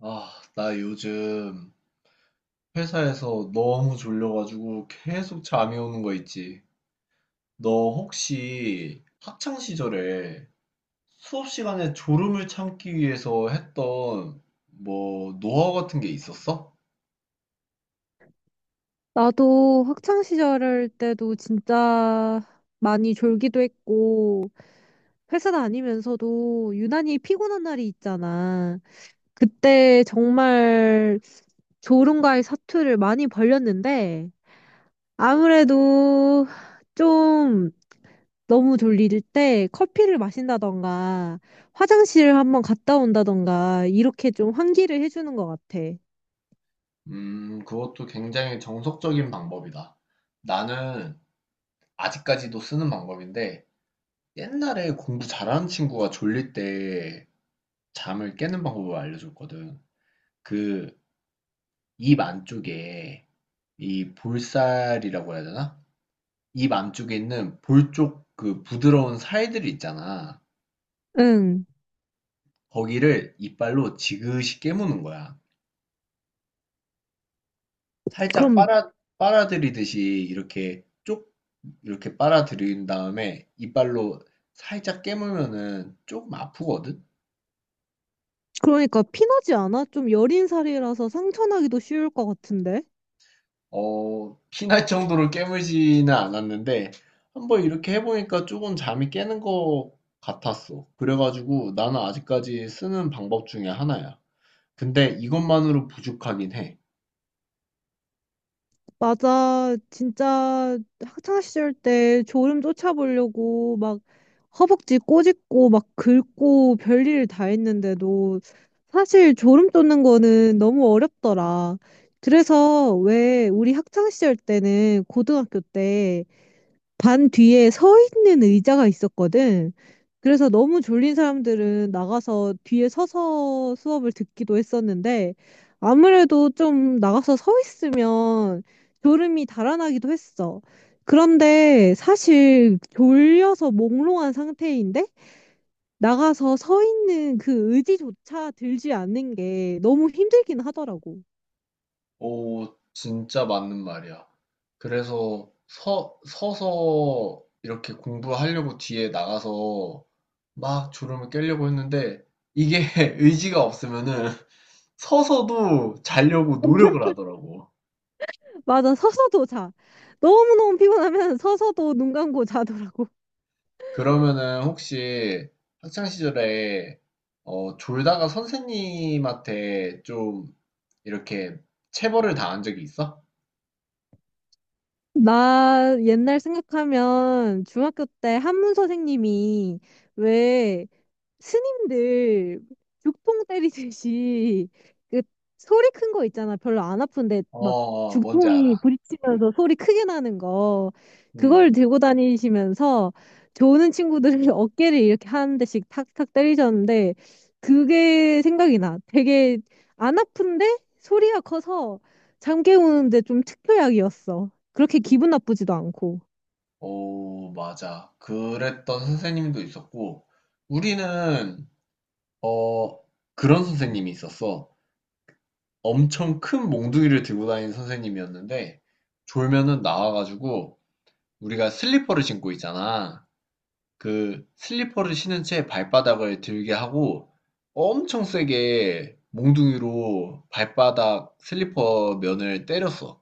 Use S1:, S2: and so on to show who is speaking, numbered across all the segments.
S1: 아, 나 요즘 회사에서 너무 졸려가지고 계속 잠이 오는 거 있지. 너 혹시 학창 시절에 수업 시간에 졸음을 참기 위해서 했던 뭐 노하우 같은 게 있었어?
S2: 나도 학창 시절 때도 진짜 많이 졸기도 했고, 회사 다니면서도 유난히 피곤한 날이 있잖아. 그때 정말 졸음과의 사투를 많이 벌였는데, 아무래도 좀 너무 졸릴 때 커피를 마신다던가, 화장실을 한번 갔다 온다던가, 이렇게 좀 환기를 해주는 것 같아.
S1: 그것도 굉장히 정석적인 방법이다. 나는 아직까지도 쓰는 방법인데 옛날에 공부 잘하는 친구가 졸릴 때 잠을 깨는 방법을 알려줬거든. 그 입 안쪽에 이 볼살이라고 해야 되나? 입 안쪽에 있는 볼쪽 그 부드러운 살들이 있잖아.
S2: 응.
S1: 거기를 이빨로 지그시 깨무는 거야. 살짝
S2: 그럼
S1: 빨아, 빨아들이듯이 이렇게 쪽, 이렇게 빨아들인 다음에 이빨로 살짝 깨물면은 조금 아프거든?
S2: 그러니까 피나지 않아? 좀 여린 살이라서 상처나기도 쉬울 것 같은데?
S1: 어, 피날 정도로 깨물지는 않았는데, 한번 이렇게 해보니까 조금 잠이 깨는 것 같았어. 그래가지고 나는 아직까지 쓰는 방법 중에 하나야. 근데 이것만으로 부족하긴 해.
S2: 맞아. 진짜 학창시절 때 졸음 쫓아보려고 막 허벅지 꼬집고 막 긁고 별일 다 했는데도 사실 졸음 쫓는 거는 너무 어렵더라. 그래서 왜 우리 학창시절 때는 고등학교 때 반 뒤에 서 있는 의자가 있었거든. 그래서 너무 졸린 사람들은 나가서 뒤에 서서 수업을 듣기도 했었는데 아무래도 좀 나가서 서 있으면 졸음이 달아나기도 했어. 그런데 사실 졸려서 몽롱한 상태인데 나가서 서 있는 그 의지조차 들지 않는 게 너무 힘들긴 하더라고.
S1: 오, 진짜 맞는 말이야. 그래서 서서 이렇게 공부하려고 뒤에 나가서 막 졸음을 깨려고 했는데 이게 의지가 없으면은 서서도 자려고 노력을 하더라고.
S2: 맞아, 서서도 자. 너무너무 피곤하면 서서도 눈 감고 자더라고.
S1: 그러면은 혹시 학창 시절에 어, 졸다가 선생님한테 좀 이렇게 체벌을 당한 적이 있어?
S2: 나 옛날 생각하면 중학교 때 한문 선생님이 왜 스님들 죽통 때리듯이 그 소리 큰 거 있잖아. 별로 안 아픈데
S1: 어,
S2: 막
S1: 어, 뭔지
S2: 죽통이
S1: 알아.
S2: 부딪히면서 소리 크게 나는 거.
S1: 음.
S2: 그걸 들고 다니시면서 좋은 친구들을 어깨를 이렇게 한 대씩 탁탁 때리셨는데 그게 생각이 나. 되게 안 아픈데 소리가 커서 잠 깨우는데 좀 특효약이었어. 그렇게 기분 나쁘지도 않고.
S1: 오, 맞아. 그랬던 선생님도 있었고, 우리는, 어, 그런 선생님이 있었어. 엄청 큰 몽둥이를 들고 다니는 선생님이었는데, 졸면은 나와가지고, 우리가 슬리퍼를 신고 있잖아. 그 슬리퍼를 신은 채 발바닥을 들게 하고, 엄청 세게 몽둥이로 발바닥 슬리퍼 면을 때렸어.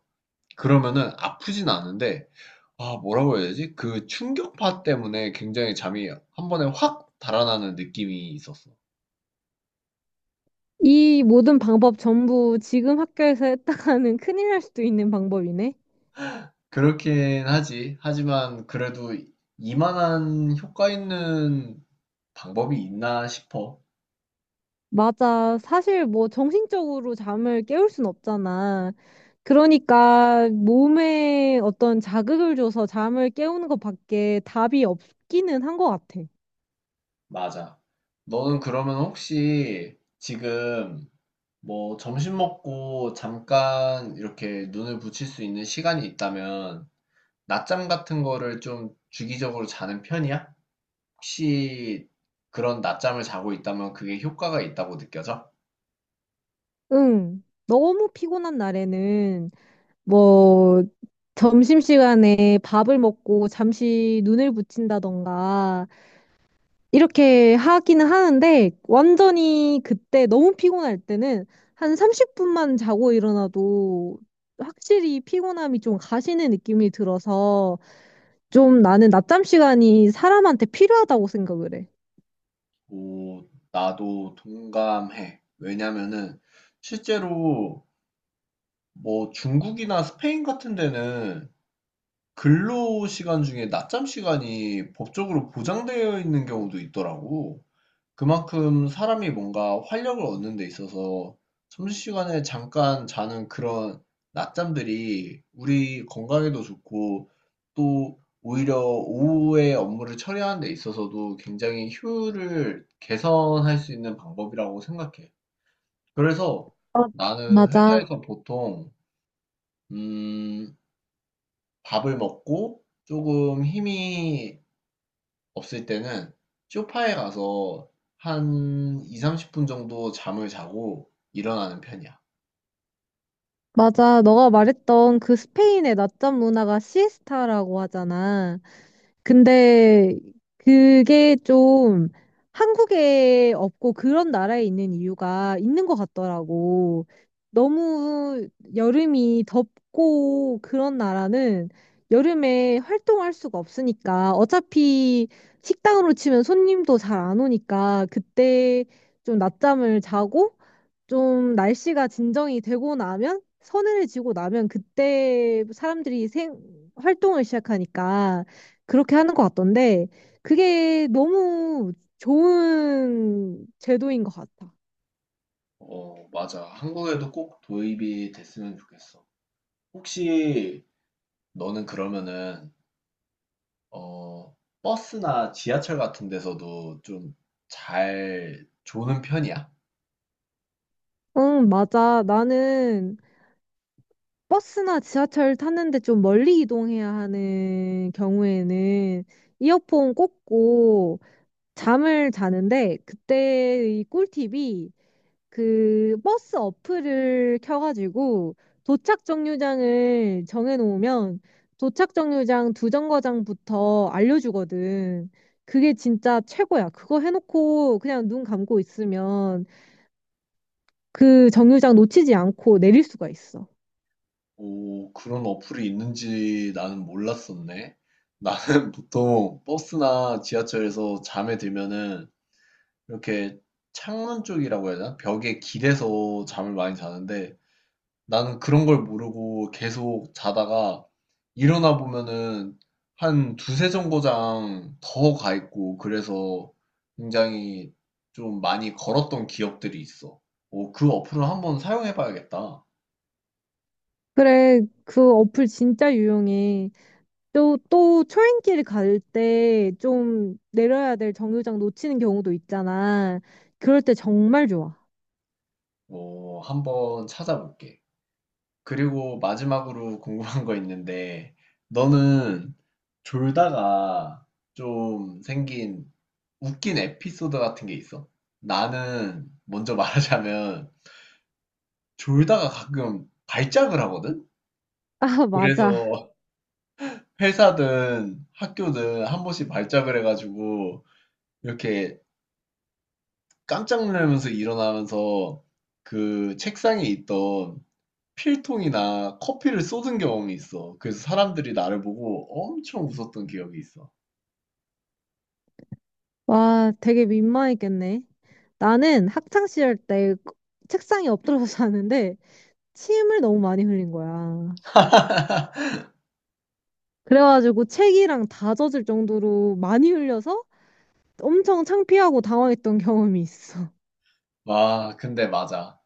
S1: 그러면은 아프진 않은데, 아, 뭐라고 해야 되지? 그 충격파 때문에 굉장히 잠이 한 번에 확 달아나는 느낌이 있었어.
S2: 이 모든 방법 전부 지금 학교에서 했다가는 큰일 날 수도 있는 방법이네.
S1: 그렇긴 하지. 하지만 그래도 이만한 효과 있는 방법이 있나 싶어.
S2: 맞아. 사실 뭐 정신적으로 잠을 깨울 순 없잖아. 그러니까 몸에 어떤 자극을 줘서 잠을 깨우는 것밖에 답이 없기는 한 것 같아.
S1: 맞아. 너는 그러면 혹시 지금 뭐 점심 먹고 잠깐 이렇게 눈을 붙일 수 있는 시간이 있다면 낮잠 같은 거를 좀 주기적으로 자는 편이야? 혹시 그런 낮잠을 자고 있다면 그게 효과가 있다고 느껴져?
S2: 응. 너무 피곤한 날에는 뭐 점심시간에 밥을 먹고 잠시 눈을 붙인다던가 이렇게 하기는 하는데 완전히 그때 너무 피곤할 때는 한 30분만 자고 일어나도 확실히 피곤함이 좀 가시는 느낌이 들어서 좀 나는 낮잠 시간이 사람한테 필요하다고 생각을 해.
S1: 오, 나도 동감해. 왜냐면은 실제로 뭐 중국이나 스페인 같은 데는 근로 시간 중에 낮잠 시간이 법적으로 보장되어 있는 경우도 있더라고. 그만큼 사람이 뭔가 활력을 얻는 데 있어서 점심시간에 잠깐 자는 그런 낮잠들이 우리 건강에도 좋고 또 오히려 오후에 업무를 처리하는 데 있어서도 굉장히 효율을 개선할 수 있는 방법이라고 생각해. 그래서
S2: 어,
S1: 나는
S2: 맞아.
S1: 회사에서 보통 음, 밥을 먹고 조금 힘이 없을 때는 쇼파에 가서 한 20, 30분 정도 잠을 자고 일어나는 편이야.
S2: 맞아. 너가 말했던 그 스페인의 낮잠 문화가 시에스타라고 하잖아. 근데 그게 좀 한국에 없고 그런 나라에 있는 이유가 있는 것 같더라고. 너무 여름이 덥고 그런 나라는 여름에 활동할 수가 없으니까 어차피 식당으로 치면 손님도 잘 안 오니까 그때 좀 낮잠을 자고 좀 날씨가 진정이 되고 나면 서늘해지고 나면 그때 사람들이 생 활동을 시작하니까 그렇게 하는 것 같던데 그게 너무 좋은 제도인 것 같아.
S1: 어, 맞아. 한국에도 꼭 도입이 됐으면 좋겠어. 혹시 너는 그러면은 어, 버스나 지하철 같은 데서도 좀 잘 조는 편이야?
S2: 응, 맞아. 나는 버스나 지하철 탔는데 좀 멀리 이동해야 하는 경우에는 이어폰 꽂고 잠을 자는데 그때의 꿀팁이 그 버스 어플을 켜가지고 도착 정류장을 정해놓으면 도착 정류장 두 정거장부터 알려주거든. 그게 진짜 최고야. 그거 해놓고 그냥 눈 감고 있으면 그 정류장 놓치지 않고 내릴 수가 있어.
S1: 오, 그런 어플이 있는지 나는 몰랐었네. 나는 보통 버스나 지하철에서 잠에 들면은 이렇게 창문 쪽이라고 해야 되나? 벽에 기대서 잠을 많이 자는데 나는 그런 걸 모르고 계속 자다가 일어나 보면은 한 두세 정거장 더 가 있고 그래서 굉장히 좀 많이 걸었던 기억들이 있어. 어, 그 어플을 한번 사용해 봐야겠다.
S2: 그래, 그 어플 진짜 유용해. 또, 또 초행길 갈 때 좀 내려야 될 정류장 놓치는 경우도 있잖아. 그럴 때 정말 좋아.
S1: 어, 한번 찾아볼게. 그리고 마지막으로 궁금한 거 있는데 너는 졸다가 좀 생긴 웃긴 에피소드 같은 게 있어? 나는 먼저 말하자면 졸다가 가끔 발작을 하거든?
S2: 아, 맞아.
S1: 그래서 회사든 학교든 한 번씩 발작을 해가지고 이렇게 깜짝 놀라면서 일어나면서 그 책상에 있던 필통이나 커피를 쏟은 경험이 있어. 그래서 사람들이 나를 보고 엄청 웃었던 기억이 있어.
S2: 와, 되게 민망했겠네. 나는 학창 시절 때 책상에 엎드려서 자는데 침을 너무 많이 흘린 거야. 그래가지고 책이랑 다 젖을 정도로 많이 흘려서 엄청 창피하고 당황했던 경험이 있어.
S1: 와, 근데 맞아.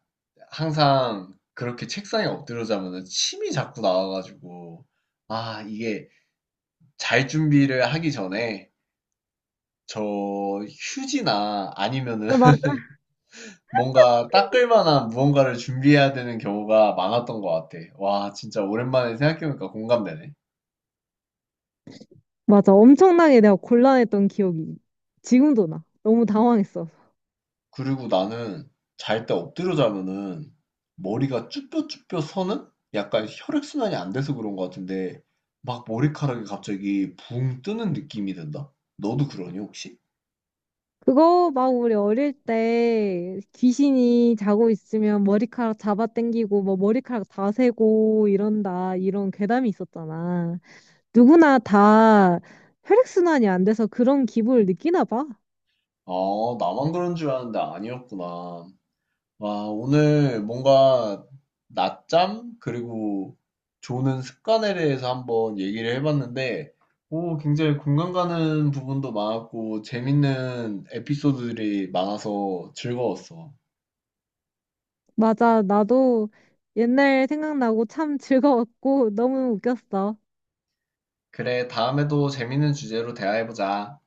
S1: 항상 그렇게 책상에 엎드려 자면은 침이 자꾸 나와가지고, 아, 이게 잘 준비를 하기 전에 저 휴지나 아니면은
S2: 아, 맞아.
S1: 뭔가 닦을 만한 무언가를 준비해야 되는 경우가 많았던 것 같아. 와, 진짜 오랜만에 생각해보니까 공감되네.
S2: 맞아. 엄청나게 내가 곤란했던 기억이 지금도 나. 너무 당황했어.
S1: 그리고 나는 잘 때 엎드려 자면은 머리가 쭈뼛쭈뼛 서는 약간 혈액순환이 안 돼서 그런 것 같은데 막 머리카락이 갑자기 붕 뜨는 느낌이 든다? 너도 그러니 혹시?
S2: 그거 막 우리 어릴 때 귀신이 자고 있으면 머리카락 잡아당기고 뭐 머리카락 다 세고 이런다 이런 괴담이 있었잖아. 누구나 다 혈액순환이 안 돼서 그런 기분을 느끼나 봐.
S1: 아, 나만 그런 줄 아는데 아니었구나. 아, 오늘 뭔가 낮잠 그리고 조는 습관에 대해서 한번 얘기를 해봤는데 오, 굉장히 공감 가는 부분도 많았고 재밌는 에피소드들이 많아서 즐거웠어.
S2: 맞아, 나도 옛날 생각나고 참 즐거웠고 너무 웃겼어.
S1: 그래, 다음에도 재밌는 주제로 대화해보자.